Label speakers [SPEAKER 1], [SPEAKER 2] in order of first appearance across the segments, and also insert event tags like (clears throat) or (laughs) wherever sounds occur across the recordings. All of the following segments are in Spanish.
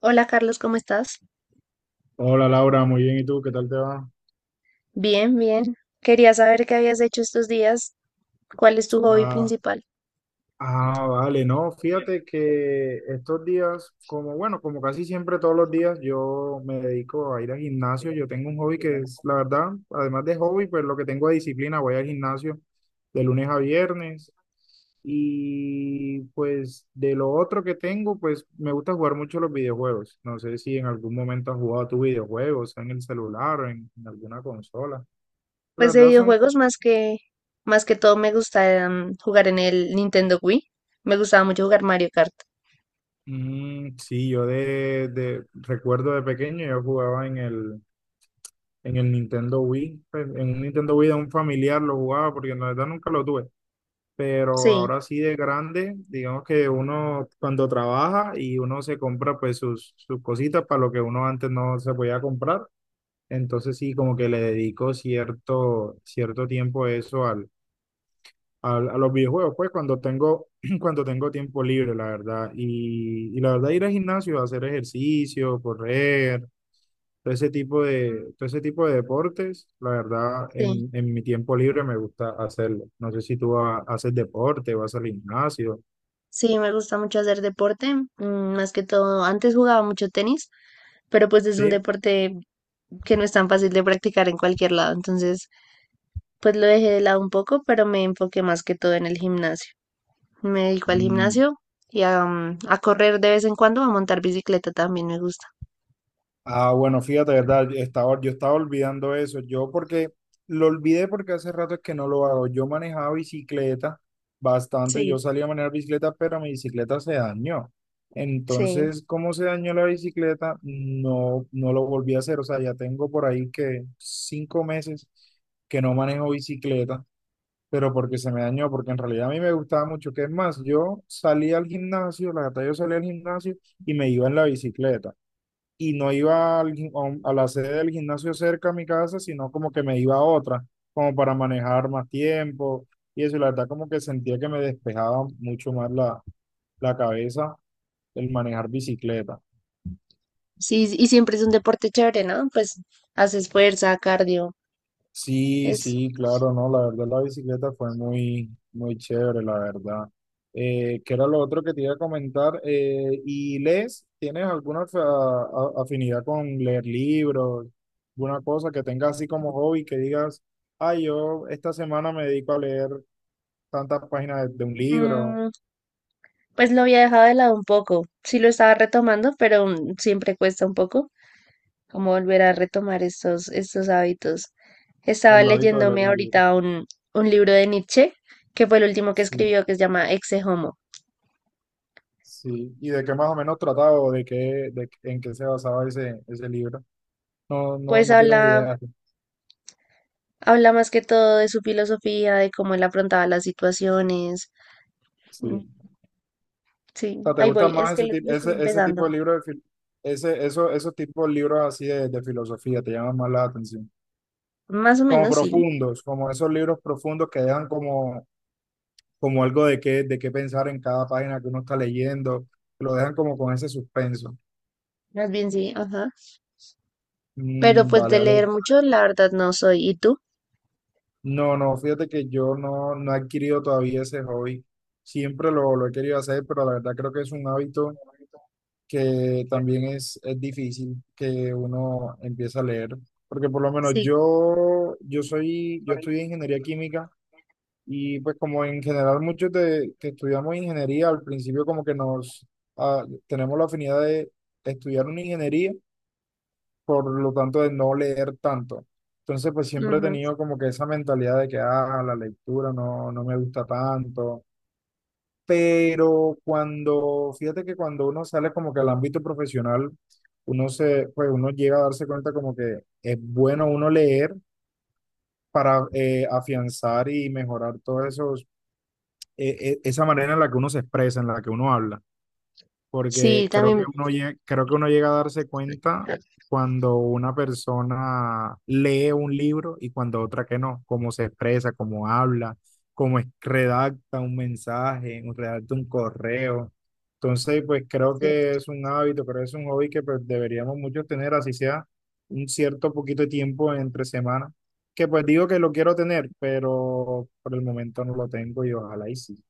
[SPEAKER 1] Hola Carlos, ¿cómo estás?
[SPEAKER 2] Hola Laura, muy bien. ¿Y tú? ¿Qué tal te va?
[SPEAKER 1] Bien, bien. Quería saber qué habías hecho estos días, cuál es tu hobby
[SPEAKER 2] Ah,
[SPEAKER 1] principal.
[SPEAKER 2] vale, no, fíjate que estos días, como bueno, como casi siempre todos los días, yo me dedico a ir al gimnasio. Yo tengo un hobby que es, la verdad, además de hobby, pues lo que tengo de disciplina, voy al gimnasio de lunes a viernes. Y pues de lo otro que tengo, pues me gusta jugar mucho los videojuegos. No sé si en algún momento has jugado tus videojuegos, en el celular o en alguna consola. La
[SPEAKER 1] Pues de
[SPEAKER 2] verdad son...
[SPEAKER 1] videojuegos más que todo me gusta jugar en el Nintendo Wii. Me gustaba mucho jugar Mario Kart.
[SPEAKER 2] Mm, sí, yo recuerdo de pequeño, yo jugaba en el Nintendo Wii, pues, en un Nintendo Wii de un familiar lo jugaba porque en la verdad nunca lo tuve, pero
[SPEAKER 1] Sí,
[SPEAKER 2] ahora sí de grande, digamos que uno cuando trabaja y uno se compra pues sus cositas para lo que uno antes no se podía comprar, entonces sí como que le dedico cierto tiempo eso a los videojuegos, pues cuando tengo, (clears throat) cuando tengo tiempo libre, la verdad. Y la verdad, ir al gimnasio, hacer ejercicio, correr, todo ese tipo de deportes, la verdad,
[SPEAKER 1] sí.
[SPEAKER 2] en mi tiempo libre me gusta hacerlo. No sé si tú haces deporte, vas al gimnasio.
[SPEAKER 1] Sí, me gusta mucho hacer deporte, más que todo. Antes jugaba mucho tenis, pero pues es un
[SPEAKER 2] Sí.
[SPEAKER 1] deporte que no es tan fácil de practicar en cualquier lado. Entonces, pues lo dejé de lado un poco, pero me enfoqué más que todo en el gimnasio. Me dedico al
[SPEAKER 2] Mm.
[SPEAKER 1] gimnasio y a, a correr de vez en cuando, a montar bicicleta también me gusta.
[SPEAKER 2] Ah, bueno, fíjate, ¿verdad? Yo estaba olvidando eso. Yo porque lo olvidé porque hace rato es que no lo hago. Yo manejaba bicicleta bastante.
[SPEAKER 1] Sí.
[SPEAKER 2] Yo salía a manejar bicicleta, pero mi bicicleta se dañó.
[SPEAKER 1] Sí.
[SPEAKER 2] Entonces, ¿cómo se dañó la bicicleta? No lo volví a hacer. O sea, ya tengo por ahí que cinco meses que no manejo bicicleta, pero porque se me dañó, porque en realidad a mí me gustaba mucho. ¿Que es más? Yo salía al gimnasio, la verdad, yo salía al gimnasio y me iba en la bicicleta y no iba al a la sede del gimnasio cerca a mi casa, sino como que me iba a otra, como para manejar más tiempo y eso, y la verdad como que sentía que me despejaba mucho más la cabeza el manejar bicicleta.
[SPEAKER 1] Sí, y siempre es un deporte chévere, ¿no? Pues haces fuerza, cardio.
[SPEAKER 2] Sí,
[SPEAKER 1] Es,
[SPEAKER 2] sí, claro, no, la verdad la bicicleta fue muy, muy chévere, la verdad. ¿Qué era lo otro que te iba a comentar? ¿Y lees? ¿Tienes alguna afinidad con leer libros? ¿Alguna cosa que tengas así como hobby que digas, ay, yo esta semana me dedico a leer tantas páginas de un libro,
[SPEAKER 1] mm, pues lo había dejado de lado un poco. Sí lo estaba retomando, pero siempre cuesta un poco como volver a retomar estos hábitos. Estaba
[SPEAKER 2] el hábito de leer
[SPEAKER 1] leyéndome
[SPEAKER 2] un libro?
[SPEAKER 1] ahorita Un libro de Nietzsche, que fue el último que
[SPEAKER 2] Sí,
[SPEAKER 1] escribió, que se llama Exe Homo.
[SPEAKER 2] sí. ¿Y de qué más o menos trataba o de qué, de, en qué se basaba ese libro? No, no,
[SPEAKER 1] Pues
[SPEAKER 2] no tienes
[SPEAKER 1] habla
[SPEAKER 2] idea.
[SPEAKER 1] Habla más que todo de su filosofía, de cómo él afrontaba las situaciones. Mm.
[SPEAKER 2] Sí.
[SPEAKER 1] Sí,
[SPEAKER 2] sea, te
[SPEAKER 1] ahí
[SPEAKER 2] gusta
[SPEAKER 1] voy, es
[SPEAKER 2] más
[SPEAKER 1] que
[SPEAKER 2] ese tipo,
[SPEAKER 1] le estoy
[SPEAKER 2] ese tipo
[SPEAKER 1] empezando.
[SPEAKER 2] de libros de ese, eso, esos tipos de libros así de filosofía te llaman más la atención?
[SPEAKER 1] Más o
[SPEAKER 2] Como
[SPEAKER 1] menos sí,
[SPEAKER 2] profundos, como esos libros profundos que dejan como, como algo de qué pensar en cada página que uno está leyendo, lo dejan como con ese suspenso.
[SPEAKER 1] más bien sí, ajá. Pero
[SPEAKER 2] Mm,
[SPEAKER 1] pues
[SPEAKER 2] vale,
[SPEAKER 1] de leer
[SPEAKER 2] vale.
[SPEAKER 1] mucho, la verdad no soy. ¿Y tú?
[SPEAKER 2] No, no, fíjate que yo no, no he adquirido todavía ese hobby. Siempre lo he querido hacer, pero la verdad creo que es un hábito, que también es difícil que uno empiece a leer, porque por lo menos
[SPEAKER 1] Sí,
[SPEAKER 2] yo, yo soy, yo estudié ingeniería química y pues como en general muchos que estudiamos ingeniería, al principio como que ah, tenemos la afinidad de estudiar una ingeniería, por lo tanto de no leer tanto. Entonces pues siempre he
[SPEAKER 1] ujú.
[SPEAKER 2] tenido como que esa mentalidad de que, ah, la lectura no, no me gusta tanto, pero cuando, fíjate que cuando uno sale como que al ámbito profesional, pues uno llega a darse cuenta como que es bueno uno leer para afianzar y mejorar todo esos, esa manera en la que uno se expresa, en la que uno habla,
[SPEAKER 1] Sí,
[SPEAKER 2] porque creo que
[SPEAKER 1] también.
[SPEAKER 2] uno llega, creo que uno llega a darse cuenta cuando una persona lee un libro y cuando otra que no, cómo se expresa, cómo habla, cómo redacta un mensaje, redacta un correo. Entonces, pues
[SPEAKER 1] Es
[SPEAKER 2] creo que
[SPEAKER 1] cierto.
[SPEAKER 2] es un hábito, creo que es un hobby que pues deberíamos muchos tener, así sea un cierto poquito de tiempo entre semana, que pues digo que lo quiero tener, pero por el momento no lo tengo y ojalá y sí.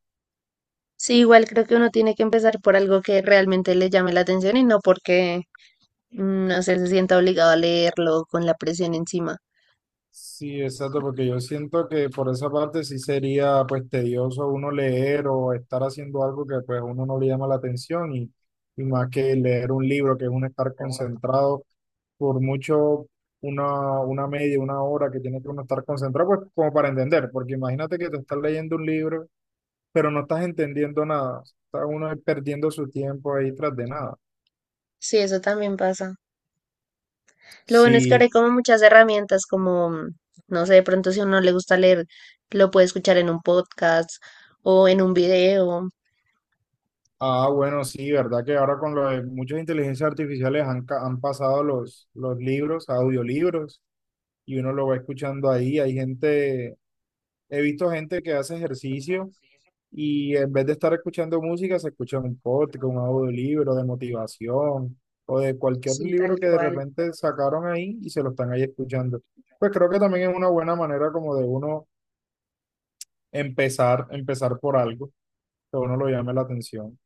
[SPEAKER 1] Sí, igual creo que uno tiene que empezar por algo que realmente le llame la atención y no porque no sé, se sienta obligado a leerlo con la presión encima.
[SPEAKER 2] Sí, exacto, porque yo siento que por esa parte sí sería pues tedioso uno leer o estar haciendo algo que pues a uno no le llama la atención, y más que leer un libro, que es uno estar concentrado por mucho una media, una hora que tiene que uno estar concentrado, pues como para entender, porque imagínate que te estás leyendo un libro, pero no estás entendiendo nada, está uno ahí perdiendo su tiempo ahí tras de nada.
[SPEAKER 1] Sí, eso también pasa. Lo bueno es que ahora
[SPEAKER 2] Sí.
[SPEAKER 1] hay como muchas herramientas, como, no sé, de pronto si a uno le gusta leer, lo puede escuchar en un podcast o en un video.
[SPEAKER 2] Ah, bueno, sí, verdad que ahora con lo de muchas inteligencias artificiales han, han pasado los libros, a audiolibros, y uno lo va escuchando ahí. Hay gente, he visto gente que hace ejercicio y en vez de estar escuchando música, se escucha un podcast, un audiolibro de motivación o de cualquier
[SPEAKER 1] Sí,
[SPEAKER 2] libro
[SPEAKER 1] tal
[SPEAKER 2] que de
[SPEAKER 1] cual.
[SPEAKER 2] repente sacaron ahí y se lo están ahí escuchando. Pues creo que también es una buena manera como de uno empezar por algo que a uno lo llame la atención,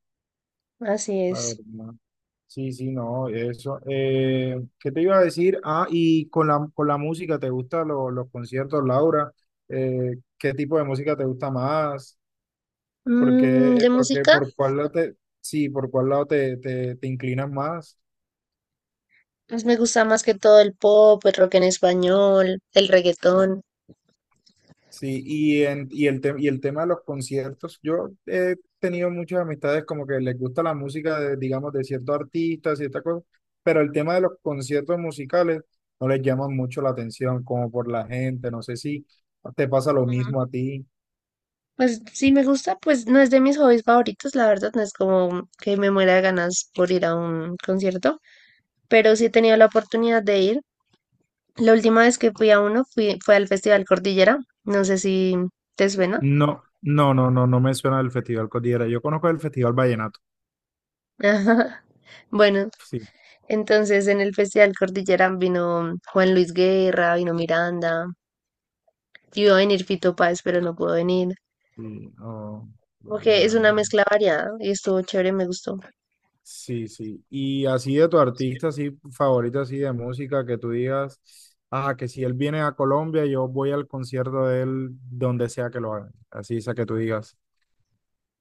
[SPEAKER 1] Así
[SPEAKER 2] la
[SPEAKER 1] es.
[SPEAKER 2] verdad. Sí, sí, no, eso. ¿Qué te iba a decir? Ah, y con con la música, ¿te gustan los conciertos, Laura? ¿Qué tipo de música te gusta más? ¿Por qué,
[SPEAKER 1] De música,
[SPEAKER 2] por cuál lado te, sí, por cuál lado te inclinas más?
[SPEAKER 1] pues me gusta más que todo el pop, el rock en español, el reggaetón.
[SPEAKER 2] Sí, y el y el tema de los conciertos, yo he tenido muchas amistades como que les gusta la música de, digamos, de ciertos artistas, ciertas cosas, pero el tema de los conciertos musicales no les llama mucho la atención, como por la gente, no sé si te pasa lo
[SPEAKER 1] Ujú.
[SPEAKER 2] mismo a ti.
[SPEAKER 1] Pues sí me gusta, pues no es de mis hobbies favoritos, la verdad, no es como que me muera de ganas por ir a un concierto, pero sí he tenido la oportunidad de ir. La última vez que fui a uno fue al Festival Cordillera. No sé si te suena.
[SPEAKER 2] No me suena el Festival Cordillera. Yo conozco el Festival Vallenato.
[SPEAKER 1] (laughs) Ajá. Bueno,
[SPEAKER 2] Sí,
[SPEAKER 1] entonces en el Festival Cordillera vino Juan Luis Guerra, vino Miranda. Iba a venir Fito Páez, pero no pudo venir.
[SPEAKER 2] sí, oh, vale,
[SPEAKER 1] Porque es una
[SPEAKER 2] vale.
[SPEAKER 1] mezcla variada y estuvo chévere, me gustó.
[SPEAKER 2] Sí, sí. Y así de tu artista, así favorito, así de música, que tú digas, ah, que si él viene a Colombia, yo voy al concierto de él donde sea que lo hagan. Así esa que tú digas,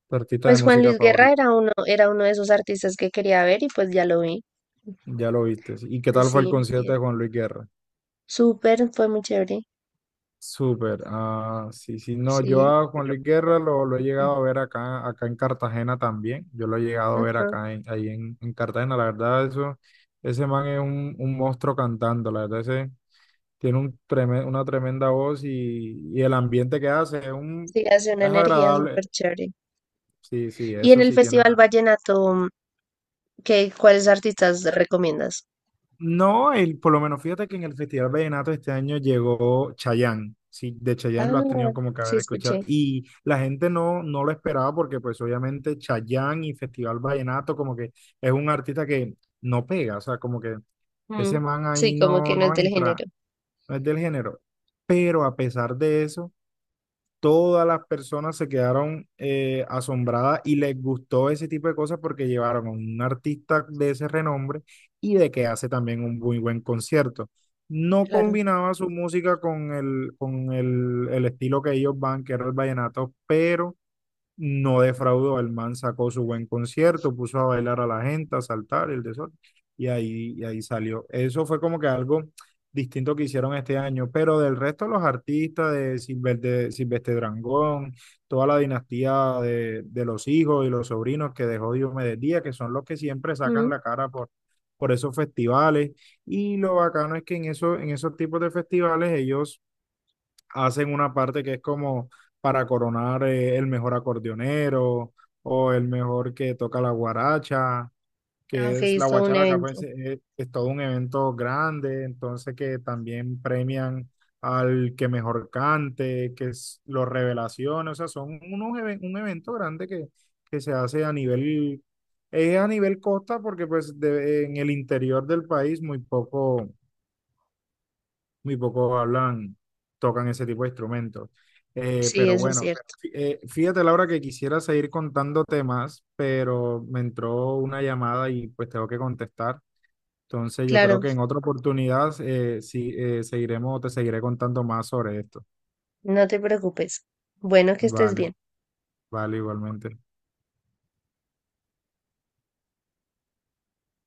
[SPEAKER 2] tu artista de
[SPEAKER 1] Pues Juan
[SPEAKER 2] música
[SPEAKER 1] Luis Guerra
[SPEAKER 2] favorito,
[SPEAKER 1] era uno de esos artistas que quería ver y pues ya lo vi.
[SPEAKER 2] ya lo viste. ¿Y qué
[SPEAKER 1] Pues
[SPEAKER 2] tal fue el
[SPEAKER 1] sí,
[SPEAKER 2] concierto
[SPEAKER 1] bien.
[SPEAKER 2] de Juan Luis Guerra?
[SPEAKER 1] Súper, fue muy chévere.
[SPEAKER 2] Súper. Ah, sí, sí. No, yo
[SPEAKER 1] Sí.
[SPEAKER 2] a Juan Luis Guerra lo he llegado a ver acá, acá en Cartagena también. Yo lo he llegado a ver
[SPEAKER 1] Ujú.
[SPEAKER 2] acá, ahí en Cartagena. La verdad, eso, ese man es un monstruo cantando, la verdad, ese tiene un una tremenda voz y el ambiente que hace es, un,
[SPEAKER 1] Sí, hace una
[SPEAKER 2] es
[SPEAKER 1] energía súper
[SPEAKER 2] agradable.
[SPEAKER 1] chévere.
[SPEAKER 2] Sí, sí,
[SPEAKER 1] Y en
[SPEAKER 2] eso
[SPEAKER 1] el
[SPEAKER 2] sí tiene.
[SPEAKER 1] Festival
[SPEAKER 2] Ra-
[SPEAKER 1] Vallenato, ¿qué, cuáles artistas recomiendas?
[SPEAKER 2] No, el, por lo menos fíjate que en el Festival Vallenato este año llegó Chayanne. Sí, de Chayanne lo has
[SPEAKER 1] Ah,
[SPEAKER 2] tenido como que
[SPEAKER 1] sí,
[SPEAKER 2] haber escuchado.
[SPEAKER 1] escuché.
[SPEAKER 2] Y la gente no, no lo esperaba porque pues obviamente Chayanne y Festival Vallenato como que es un artista que no pega, o sea, como que
[SPEAKER 1] Mm,
[SPEAKER 2] ese man ahí
[SPEAKER 1] sí, como
[SPEAKER 2] no,
[SPEAKER 1] que no es
[SPEAKER 2] no
[SPEAKER 1] del
[SPEAKER 2] entra,
[SPEAKER 1] género,
[SPEAKER 2] no es del género. Pero a pesar de eso todas las personas se quedaron asombradas y les gustó ese tipo de cosas porque llevaron a un artista de ese renombre y de que hace también un muy buen concierto. No
[SPEAKER 1] claro.
[SPEAKER 2] combinaba su música con el estilo que ellos van, que era el vallenato, pero no defraudó, el man sacó su buen concierto, puso a bailar a la gente, a saltar el desorden, y ahí salió. Eso fue como que algo distinto que hicieron este año, pero del resto los artistas de, Silver, de Silvestre Drangón, toda la dinastía de los hijos y los sobrinos que dejó Diomedes Díaz, que son los que siempre sacan
[SPEAKER 1] Mm,
[SPEAKER 2] la cara por esos festivales, y lo bacano es que en, eso, en esos tipos de festivales ellos hacen una parte que es como para coronar el mejor acordeonero o el mejor que toca la guaracha,
[SPEAKER 1] ah, ok,
[SPEAKER 2] que es la
[SPEAKER 1] es todo un
[SPEAKER 2] guacharaca,
[SPEAKER 1] evento.
[SPEAKER 2] pues todo un evento grande, entonces que también premian al que mejor cante, que es los revelaciones, o sea, son unos un evento grande que se hace a nivel, es a nivel costa porque pues en el interior del país muy poco muy pocos hablan, tocan ese tipo de instrumentos. Eh,
[SPEAKER 1] Sí,
[SPEAKER 2] pero
[SPEAKER 1] eso es
[SPEAKER 2] bueno,
[SPEAKER 1] cierto.
[SPEAKER 2] fí- eh, fíjate, Laura, que quisiera seguir contando temas, pero me entró una llamada y pues tengo que contestar. Entonces yo creo
[SPEAKER 1] Claro,
[SPEAKER 2] que en otra oportunidad sí, seguiremos, te seguiré contando más sobre esto.
[SPEAKER 1] no te preocupes. Bueno, que estés
[SPEAKER 2] Vale,
[SPEAKER 1] bien.
[SPEAKER 2] vale, igualmente.